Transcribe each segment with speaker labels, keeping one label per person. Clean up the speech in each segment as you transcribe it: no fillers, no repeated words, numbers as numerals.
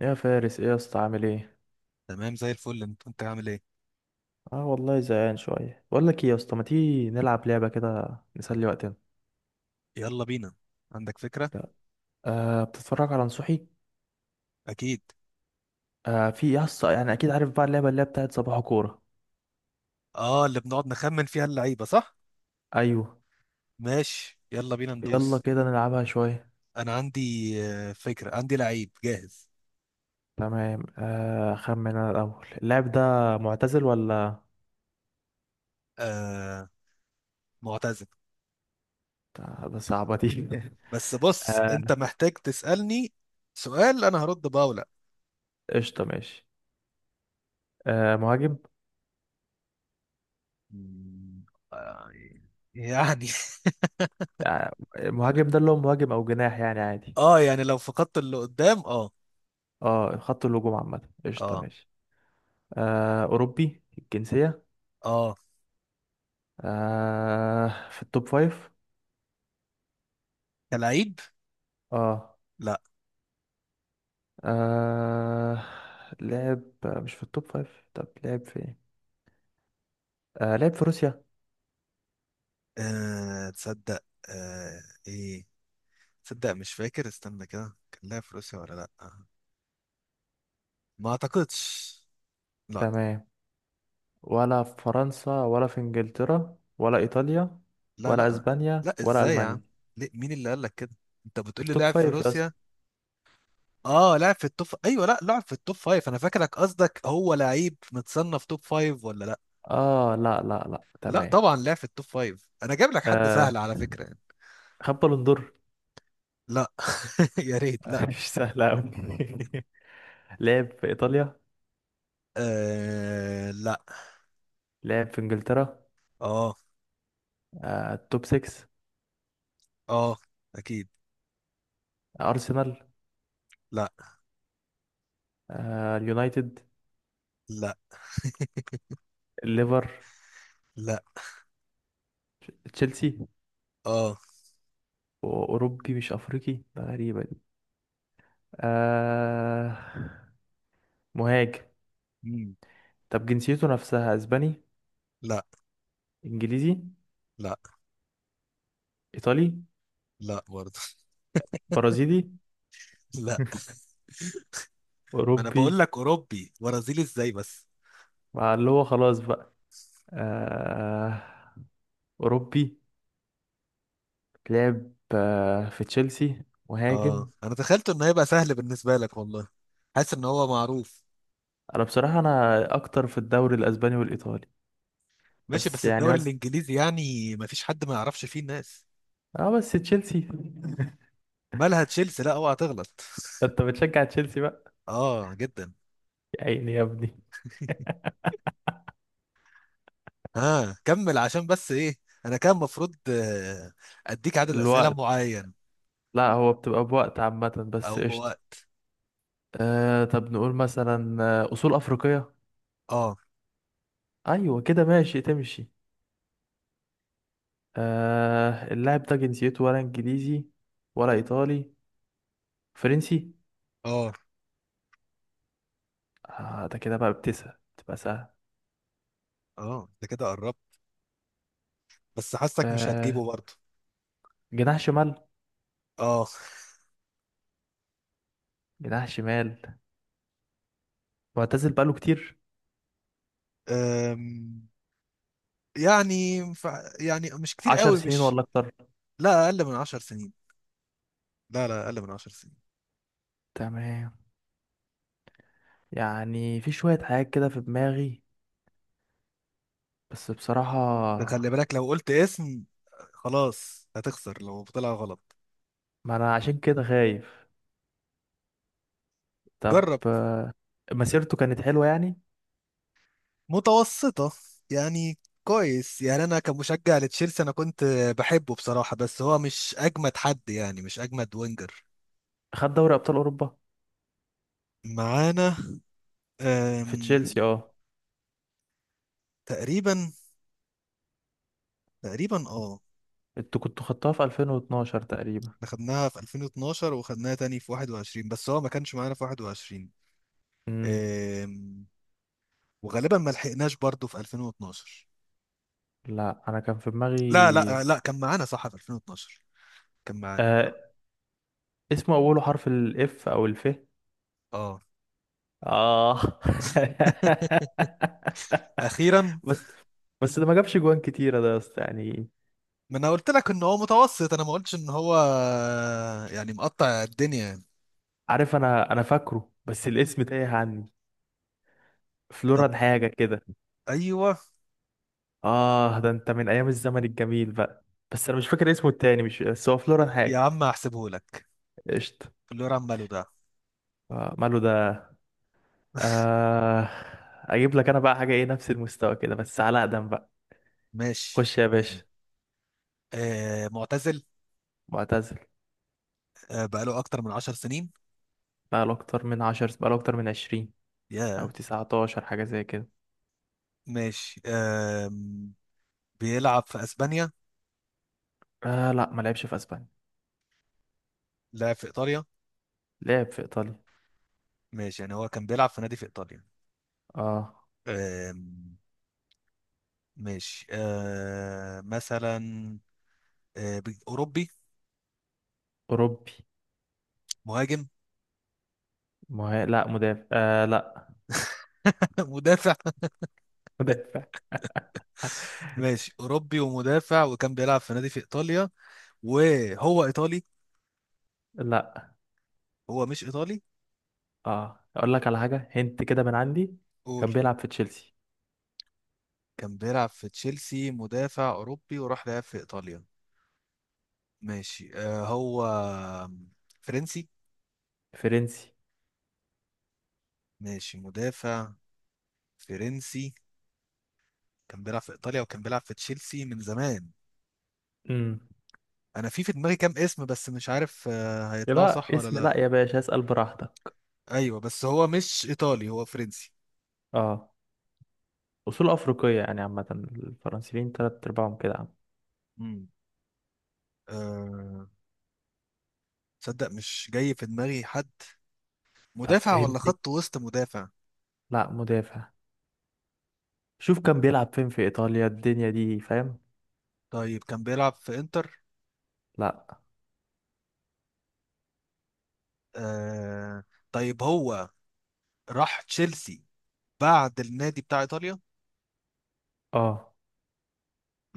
Speaker 1: يا فارس، ايه يا اسطى؟ عامل ايه؟
Speaker 2: تمام، زي الفل. انت عامل ايه؟
Speaker 1: اه والله زهقان شويه، بقول لك ايه يا اسطى، ما تيجي نلعب لعبه كده نسلي وقتنا؟
Speaker 2: يلا بينا. عندك فكرة؟
Speaker 1: لا. آه، بتتفرج على نصوحي؟
Speaker 2: اكيد.
Speaker 1: آه في يا اسطى، يعني اكيد عارف بقى اللعبه اللي هي بتاعت صباح كوره.
Speaker 2: اه، اللي بنقعد نخمن فيها اللعيبة، صح؟
Speaker 1: ايوه.
Speaker 2: ماشي، يلا بينا
Speaker 1: يلا
Speaker 2: ندوس.
Speaker 1: كده نلعبها شويه.
Speaker 2: انا عندي. فكرة عندي، لعيب جاهز.
Speaker 1: تمام، خمن انا الاول. اللاعب ده معتزل ولا؟
Speaker 2: آه، معتزل.
Speaker 1: آه، ده صعبه دي.
Speaker 2: بس بص، انت
Speaker 1: آه.
Speaker 2: محتاج تسألني سؤال انا هرد بقى ولا؟
Speaker 1: قشطه ماشي. آه، مهاجم؟
Speaker 2: مم، آه، يعني
Speaker 1: آه، مهاجم ده اللي هو مهاجم او جناح يعني عادي.
Speaker 2: اه، يعني لو فقدت اللي قدام، اه.
Speaker 1: اه، خط الهجوم عامه، قشطه
Speaker 2: اه
Speaker 1: ماشي. آه، أوروبي الجنسية؟
Speaker 2: اه
Speaker 1: آه، في التوب فايف؟
Speaker 2: كلعيب.
Speaker 1: اه.
Speaker 2: لا.
Speaker 1: آه، لعب مش في التوب فايف؟ طب لعب في ايه؟ آه، لعب في روسيا؟
Speaker 2: آه، تصدق آه. ايه، تصدق مش فاكر، استنى كده، كان لها في روسيا ولا؟ لا. ما اعتقدش. لا.
Speaker 1: تمام. ولا في فرنسا، ولا في انجلترا، ولا ايطاليا؟
Speaker 2: لا
Speaker 1: ولا
Speaker 2: لا.
Speaker 1: اسبانيا،
Speaker 2: لا،
Speaker 1: ولا
Speaker 2: ازاي يا عم؟
Speaker 1: المانيا؟
Speaker 2: ليه؟ مين اللي قال لك كده؟ انت بتقول لي
Speaker 1: التوب
Speaker 2: لعب في
Speaker 1: فايف يا
Speaker 2: روسيا؟
Speaker 1: اسطى.
Speaker 2: اه، لعب في التوب، ايوه، لا لعب في التوب فايف. انا فاكرك قصدك هو لعيب متصنف توب فايف ولا لا.
Speaker 1: اه، لا لا لا،
Speaker 2: لا،
Speaker 1: تمام.
Speaker 2: طبعا لعب في التوب فايف. انا جايب لك حد
Speaker 1: آه،
Speaker 2: سهل على فكرة يعني.
Speaker 1: خد بالون دور.
Speaker 2: لا يا ريت. لا،
Speaker 1: مش سهلة أوي. لعب في ايطاليا؟
Speaker 2: آه لا.
Speaker 1: لعب في انجلترا؟
Speaker 2: اه.
Speaker 1: آه، توب 6؟
Speaker 2: اه اكيد.
Speaker 1: ارسنال؟
Speaker 2: لا.
Speaker 1: آه، اليونايتد؟
Speaker 2: لا.
Speaker 1: الليفر؟
Speaker 2: لا،
Speaker 1: تشيلسي؟
Speaker 2: اه.
Speaker 1: أوروبي مش أفريقي، ده غريبة دي. آه. مهاجم.
Speaker 2: مم.
Speaker 1: طب جنسيته نفسها أسباني؟
Speaker 2: لا.
Speaker 1: إنجليزي؟
Speaker 2: لا.
Speaker 1: إيطالي؟
Speaker 2: لا برضه
Speaker 1: برازيلي؟
Speaker 2: لا، ما انا بقول
Speaker 1: أوروبي؟
Speaker 2: لك اوروبي، برازيلي ازاي بس؟
Speaker 1: مع اللي هو خلاص بقى. آه. أوروبي. لعب في تشيلسي.
Speaker 2: اه،
Speaker 1: مهاجم.
Speaker 2: انا تخيلت انه هيبقى سهل بالنسبه لك والله. حاسس ان هو معروف.
Speaker 1: أنا بصراحة أنا أكتر في الدوري الأسباني والإيطالي.
Speaker 2: ماشي،
Speaker 1: بس
Speaker 2: بس
Speaker 1: يعني
Speaker 2: الدوري
Speaker 1: بس.
Speaker 2: الانجليزي يعني ما فيش حد ما يعرفش فيه الناس.
Speaker 1: اه، بس تشيلسي.
Speaker 2: مالها تشيلسي؟ لا اوعى تغلط
Speaker 1: انت بتشجع تشيلسي بقى؟
Speaker 2: اه، جدا.
Speaker 1: يا عيني يا ابني.
Speaker 2: ها، كمل عشان بس ايه. انا كان المفروض اديك عدد اسئله
Speaker 1: الوقت؟
Speaker 2: معين
Speaker 1: لا، هو بتبقى بوقت عامة، بس
Speaker 2: او
Speaker 1: قشطة.
Speaker 2: بوقت.
Speaker 1: طب نقول مثلا أصول أفريقية؟
Speaker 2: اه.
Speaker 1: أيوة كده، ماشي تمشي. آه، اللاعب ده جنسيته، ولا إنجليزي؟ ولا إيطالي؟ فرنسي؟
Speaker 2: اه.
Speaker 1: آه، ده كده بقى بتسأل تبقى سهل.
Speaker 2: اه، ده كده قربت. بس حاسك مش
Speaker 1: آه،
Speaker 2: هتجيبه برضه.
Speaker 1: جناح شمال؟
Speaker 2: اه.
Speaker 1: جناح شمال. معتزل بقاله كتير؟
Speaker 2: أم، يعني يعني مش كتير
Speaker 1: عشر
Speaker 2: قوي،
Speaker 1: سنين
Speaker 2: مش.
Speaker 1: ولا أكتر؟
Speaker 2: لا، اقل من عشر سنين. لا لا، اقل من عشر سنين.
Speaker 1: تمام. يعني في شوية حاجات كده في دماغي، بس بصراحة،
Speaker 2: ده خلي بالك لو قلت اسم خلاص هتخسر لو طلع غلط.
Speaker 1: ما أنا عشان كده خايف. طب
Speaker 2: جرب.
Speaker 1: آه، مسيرته كانت حلوة يعني؟
Speaker 2: متوسطة يعني. كويس يعني. انا كمشجع لتشيلسي انا كنت بحبه بصراحة، بس هو مش اجمد حد، يعني مش اجمد وينجر.
Speaker 1: خد دوري أبطال أوروبا؟
Speaker 2: معانا.
Speaker 1: في
Speaker 2: أم،
Speaker 1: تشيلسي، اه؟
Speaker 2: تقريبا. تقريبا اه.
Speaker 1: انتوا كنتوا خدتوها في 2012 تقريبا؟
Speaker 2: احنا خدناها في 2012 وخدناها تاني في 21، بس هو ما كانش معانا في 21.
Speaker 1: امم
Speaker 2: أم، وغالبا ما لحقناش برضه في 2012.
Speaker 1: لا، انا كان في
Speaker 2: لا
Speaker 1: دماغي.
Speaker 2: لا لا، كان معانا صح في 2012. كان معانا.
Speaker 1: آه، اسمه اوله حرف الاف او الف؟
Speaker 2: اه،
Speaker 1: اه.
Speaker 2: اخيرا.
Speaker 1: بس بس ده ما جابش جوان كتيرة ده يا اسطى يعني.
Speaker 2: ما انا قلت لك ان هو متوسط، انا ما قلتش ان هو يعني مقطع الدنيا يعني.
Speaker 1: عارف، انا فاكره، بس الاسم تايه عني.
Speaker 2: طب.
Speaker 1: فلوران حاجة كده.
Speaker 2: ايوه.
Speaker 1: اه، ده انت من ايام الزمن الجميل بقى. بس انا مش فاكر اسمه التاني، مش، بس هو فلوران
Speaker 2: يا
Speaker 1: حاجة.
Speaker 2: عم هحسبه لك.
Speaker 1: قشطة.
Speaker 2: اللي هو عماله ده.
Speaker 1: آه، ماله ده. آه. اجيب لك انا بقى حاجة ايه؟ نفس المستوى كده بس على اقدم.
Speaker 2: ماشي،
Speaker 1: خش يا باشا.
Speaker 2: اديني. آه، معتزل.
Speaker 1: معتزل.
Speaker 2: آه، بقاله اكتر من 10 سنين.
Speaker 1: بقاله اكتر من عشر، بقاله اكتر من عشرين. او
Speaker 2: يا
Speaker 1: 19 حاجة زي كده.
Speaker 2: ماشي. آه، بيلعب في اسبانيا؟
Speaker 1: آه، لا ما لعبش في اسبانيا.
Speaker 2: لعب في ايطاليا.
Speaker 1: لعب في ايطاليا.
Speaker 2: ماشي، يعني هو كان بيلعب في نادي في ايطاليا.
Speaker 1: اه.
Speaker 2: آه. ماشي، آه مثلا، آه اوروبي.
Speaker 1: اوروبي.
Speaker 2: مهاجم
Speaker 1: لا، مدافع، آه، لا.
Speaker 2: مدافع.
Speaker 1: مدافع.
Speaker 2: ماشي، أوروبي ومدافع وكان بيلعب في نادي في إيطاليا وهو إيطالي؟
Speaker 1: لا.
Speaker 2: هو مش إيطالي.
Speaker 1: اه، اقول لك على حاجة، هنت كده من عندي.
Speaker 2: قول.
Speaker 1: كان بيلعب في تشيلسي.
Speaker 2: كان بيلعب في تشيلسي، مدافع أوروبي، وراح لعب في إيطاليا. ماشي، آه هو فرنسي.
Speaker 1: فرنسي.
Speaker 2: ماشي، مدافع، فرنسي، كان بيلعب في إيطاليا وكان بيلعب في تشيلسي من زمان.
Speaker 1: امم
Speaker 2: أنا في دماغي كام اسم بس مش عارف آه هيطلعوا
Speaker 1: لا
Speaker 2: صح ولا
Speaker 1: اسم، لا
Speaker 2: لأ.
Speaker 1: يا باشا، اسأل براحتك.
Speaker 2: أيوه، بس هو مش إيطالي، هو فرنسي.
Speaker 1: اه، اصول افريقية، يعني عامة الفرنسيين تلات ارباعهم كده عم.
Speaker 2: مم. آه، تصدق مش جاي في دماغي حد.
Speaker 1: طب
Speaker 2: مدافع ولا
Speaker 1: هنت.
Speaker 2: خط وسط؟ مدافع.
Speaker 1: لا، مدافع. شوف كان بيلعب فين في ايطاليا، الدنيا دي فاهم؟
Speaker 2: طيب، كان بيلعب في انتر؟
Speaker 1: لا.
Speaker 2: آه... طيب، هو راح تشيلسي بعد النادي بتاع ايطاليا؟
Speaker 1: اه.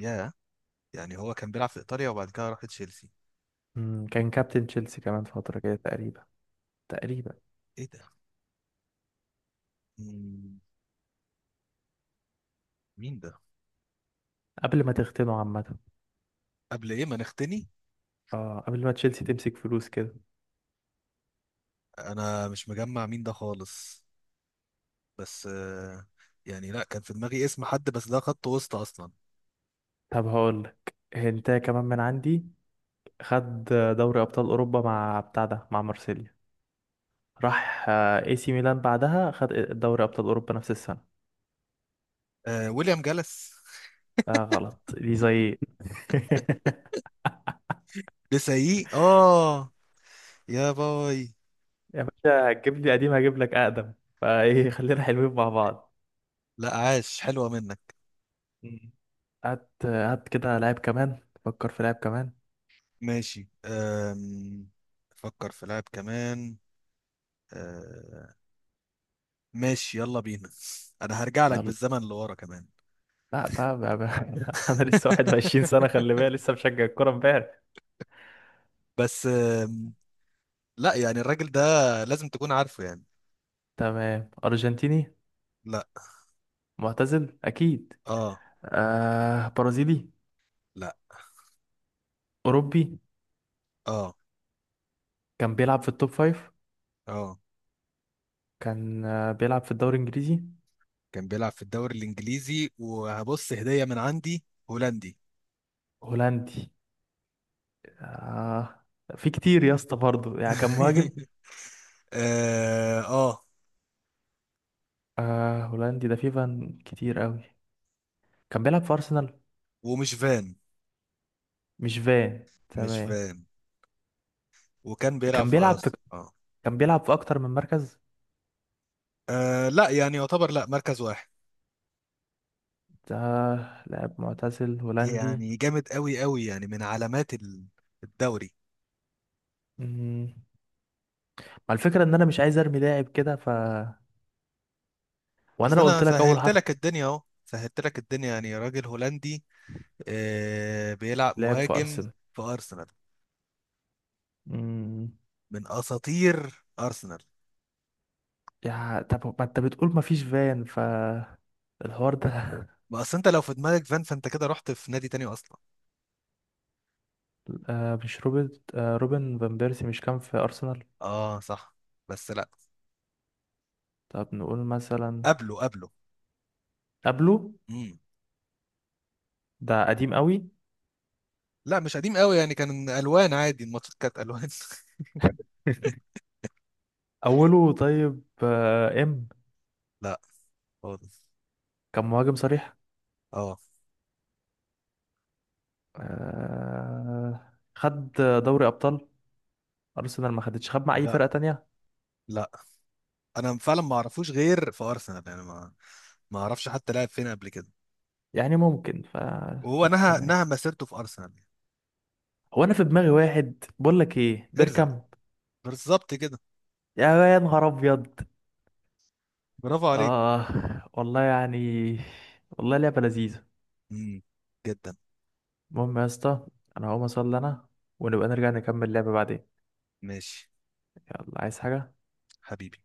Speaker 2: يا يعني هو كان بيلعب في ايطاليا وبعد كده راح تشيلسي.
Speaker 1: كان كابتن تشيلسي كمان فترة كده تقريبا. تقريبا.
Speaker 2: ايه ده؟ مم، مين ده؟
Speaker 1: قبل ما تختنوا عامة.
Speaker 2: قبل ايه ما نختني؟
Speaker 1: اه، قبل ما تشيلسي تمسك فلوس كده.
Speaker 2: انا مش مجمع مين ده خالص. بس يعني لا، كان في دماغي اسم حد بس ده خط وسط اصلا.
Speaker 1: طب هقول لك انت كمان من عندي. خد دوري ابطال اوروبا مع بتاع ده، مع مارسيليا. راح اي سي ميلان، بعدها خد دوري ابطال اوروبا نفس السنة.
Speaker 2: آه... ويليام جلس
Speaker 1: اه، غلط دي، زي.
Speaker 2: لسه؟ اه، يا باي.
Speaker 1: يا باشا هتجيب لي قديم، هجيب لك اقدم. فايه، خلينا حلوين مع بعض.
Speaker 2: لا، عاش، حلوة منك.
Speaker 1: مم. هات هات كده لاعب كمان. فكر في لاعب كمان.
Speaker 2: ماشي. فكر في لاعب كمان. أم... ماشي، يلا بينا انا هرجع لك
Speaker 1: يلا.
Speaker 2: بالزمن لورا كمان
Speaker 1: لا بقى، بقى، بقى. انا لسه 21 سنة، خلي بالك لسه مشجع الكورة امبارح.
Speaker 2: بس لا يعني الراجل ده لازم تكون عارفه يعني.
Speaker 1: تمام، ارجنتيني؟
Speaker 2: لا.
Speaker 1: معتزل اكيد؟
Speaker 2: اه.
Speaker 1: آه، برازيلي؟
Speaker 2: لا.
Speaker 1: اوروبي؟
Speaker 2: اه.
Speaker 1: كان بيلعب في التوب فايف؟
Speaker 2: اه،
Speaker 1: كان بيلعب في الدوري الانجليزي؟
Speaker 2: كان بيلعب في الدوري الانجليزي وهبص هدية من عندي. هولندي
Speaker 1: هولندي؟ آه، في كتير يا اسطى برضه يعني، كان مهاجم.
Speaker 2: اه، آه.
Speaker 1: آه، هولندي ده في فان كتير قوي. كان بيلعب في ارسنال؟
Speaker 2: ومش فان.
Speaker 1: مش فان،
Speaker 2: مش
Speaker 1: تمام.
Speaker 2: فان. وكان بيلعب
Speaker 1: كان
Speaker 2: في ارسنال،
Speaker 1: بيلعب في
Speaker 2: اه.
Speaker 1: كان بيلعب في اكتر من مركز.
Speaker 2: لا يعني يعتبر لا مركز واحد
Speaker 1: ده لاعب معتزل هولندي.
Speaker 2: يعني. جامد قوي قوي، يعني من علامات الدوري.
Speaker 1: مم. ما الفكرة ان انا مش عايز ارمي لاعب كده، ف. وانا
Speaker 2: بس
Speaker 1: لو
Speaker 2: انا
Speaker 1: قلت لك اول
Speaker 2: سهلت
Speaker 1: حرف.
Speaker 2: لك الدنيا، اهو سهلت لك الدنيا، يعني راجل هولندي آه بيلعب
Speaker 1: لاعب في
Speaker 2: مهاجم
Speaker 1: ارسنال.
Speaker 2: في ارسنال،
Speaker 1: مم.
Speaker 2: من اساطير ارسنال.
Speaker 1: يا طب ما انت بتقول ما فيش فان، ف. الحوار ده.
Speaker 2: ما اصل انت لو في دماغك فان، فانت كده رحت في نادي تاني اصلا.
Speaker 1: آه، مش روبرت، روبن فان بيرسي، مش كان في ارسنال؟
Speaker 2: اه، صح. بس لا.
Speaker 1: طب نقول مثلا.
Speaker 2: قبله، قبله.
Speaker 1: قبله.
Speaker 2: امم.
Speaker 1: ده قديم قوي؟
Speaker 2: لا، مش قديم قوي يعني، كان الوان عادي، الماتشات كانت الوان
Speaker 1: اوله طيب آه، ام
Speaker 2: لا، خالص.
Speaker 1: كان مهاجم صريح.
Speaker 2: اه.
Speaker 1: آه، خد دوري ابطال. ارسنال ما خدتش، خد مع اي
Speaker 2: لا.
Speaker 1: فرقه تانية؟
Speaker 2: لا. انا فعلا ما اعرفوش غير في ارسنال، يعني ما ما اعرفش حتى لعب فين قبل كده.
Speaker 1: يعني ممكن، ف.
Speaker 2: وهو
Speaker 1: طب
Speaker 2: نهى
Speaker 1: تمام.
Speaker 2: نهى مسيرته في ارسنال.
Speaker 1: هو انا في دماغي واحد، بقول لك ايه،
Speaker 2: ارزع.
Speaker 1: بيركامب.
Speaker 2: بالظبط كده.
Speaker 1: يا يا نهار ابيض!
Speaker 2: برافو عليك.
Speaker 1: اه والله يعني، والله لعبه لذيذه.
Speaker 2: امم. جدا.
Speaker 1: المهم يا اسطى، انا هقوم اصلي انا، ونبقى نرجع نكمل لعبه بعدين.
Speaker 2: ماشي.
Speaker 1: يلا، عايز حاجه؟
Speaker 2: حبيبي.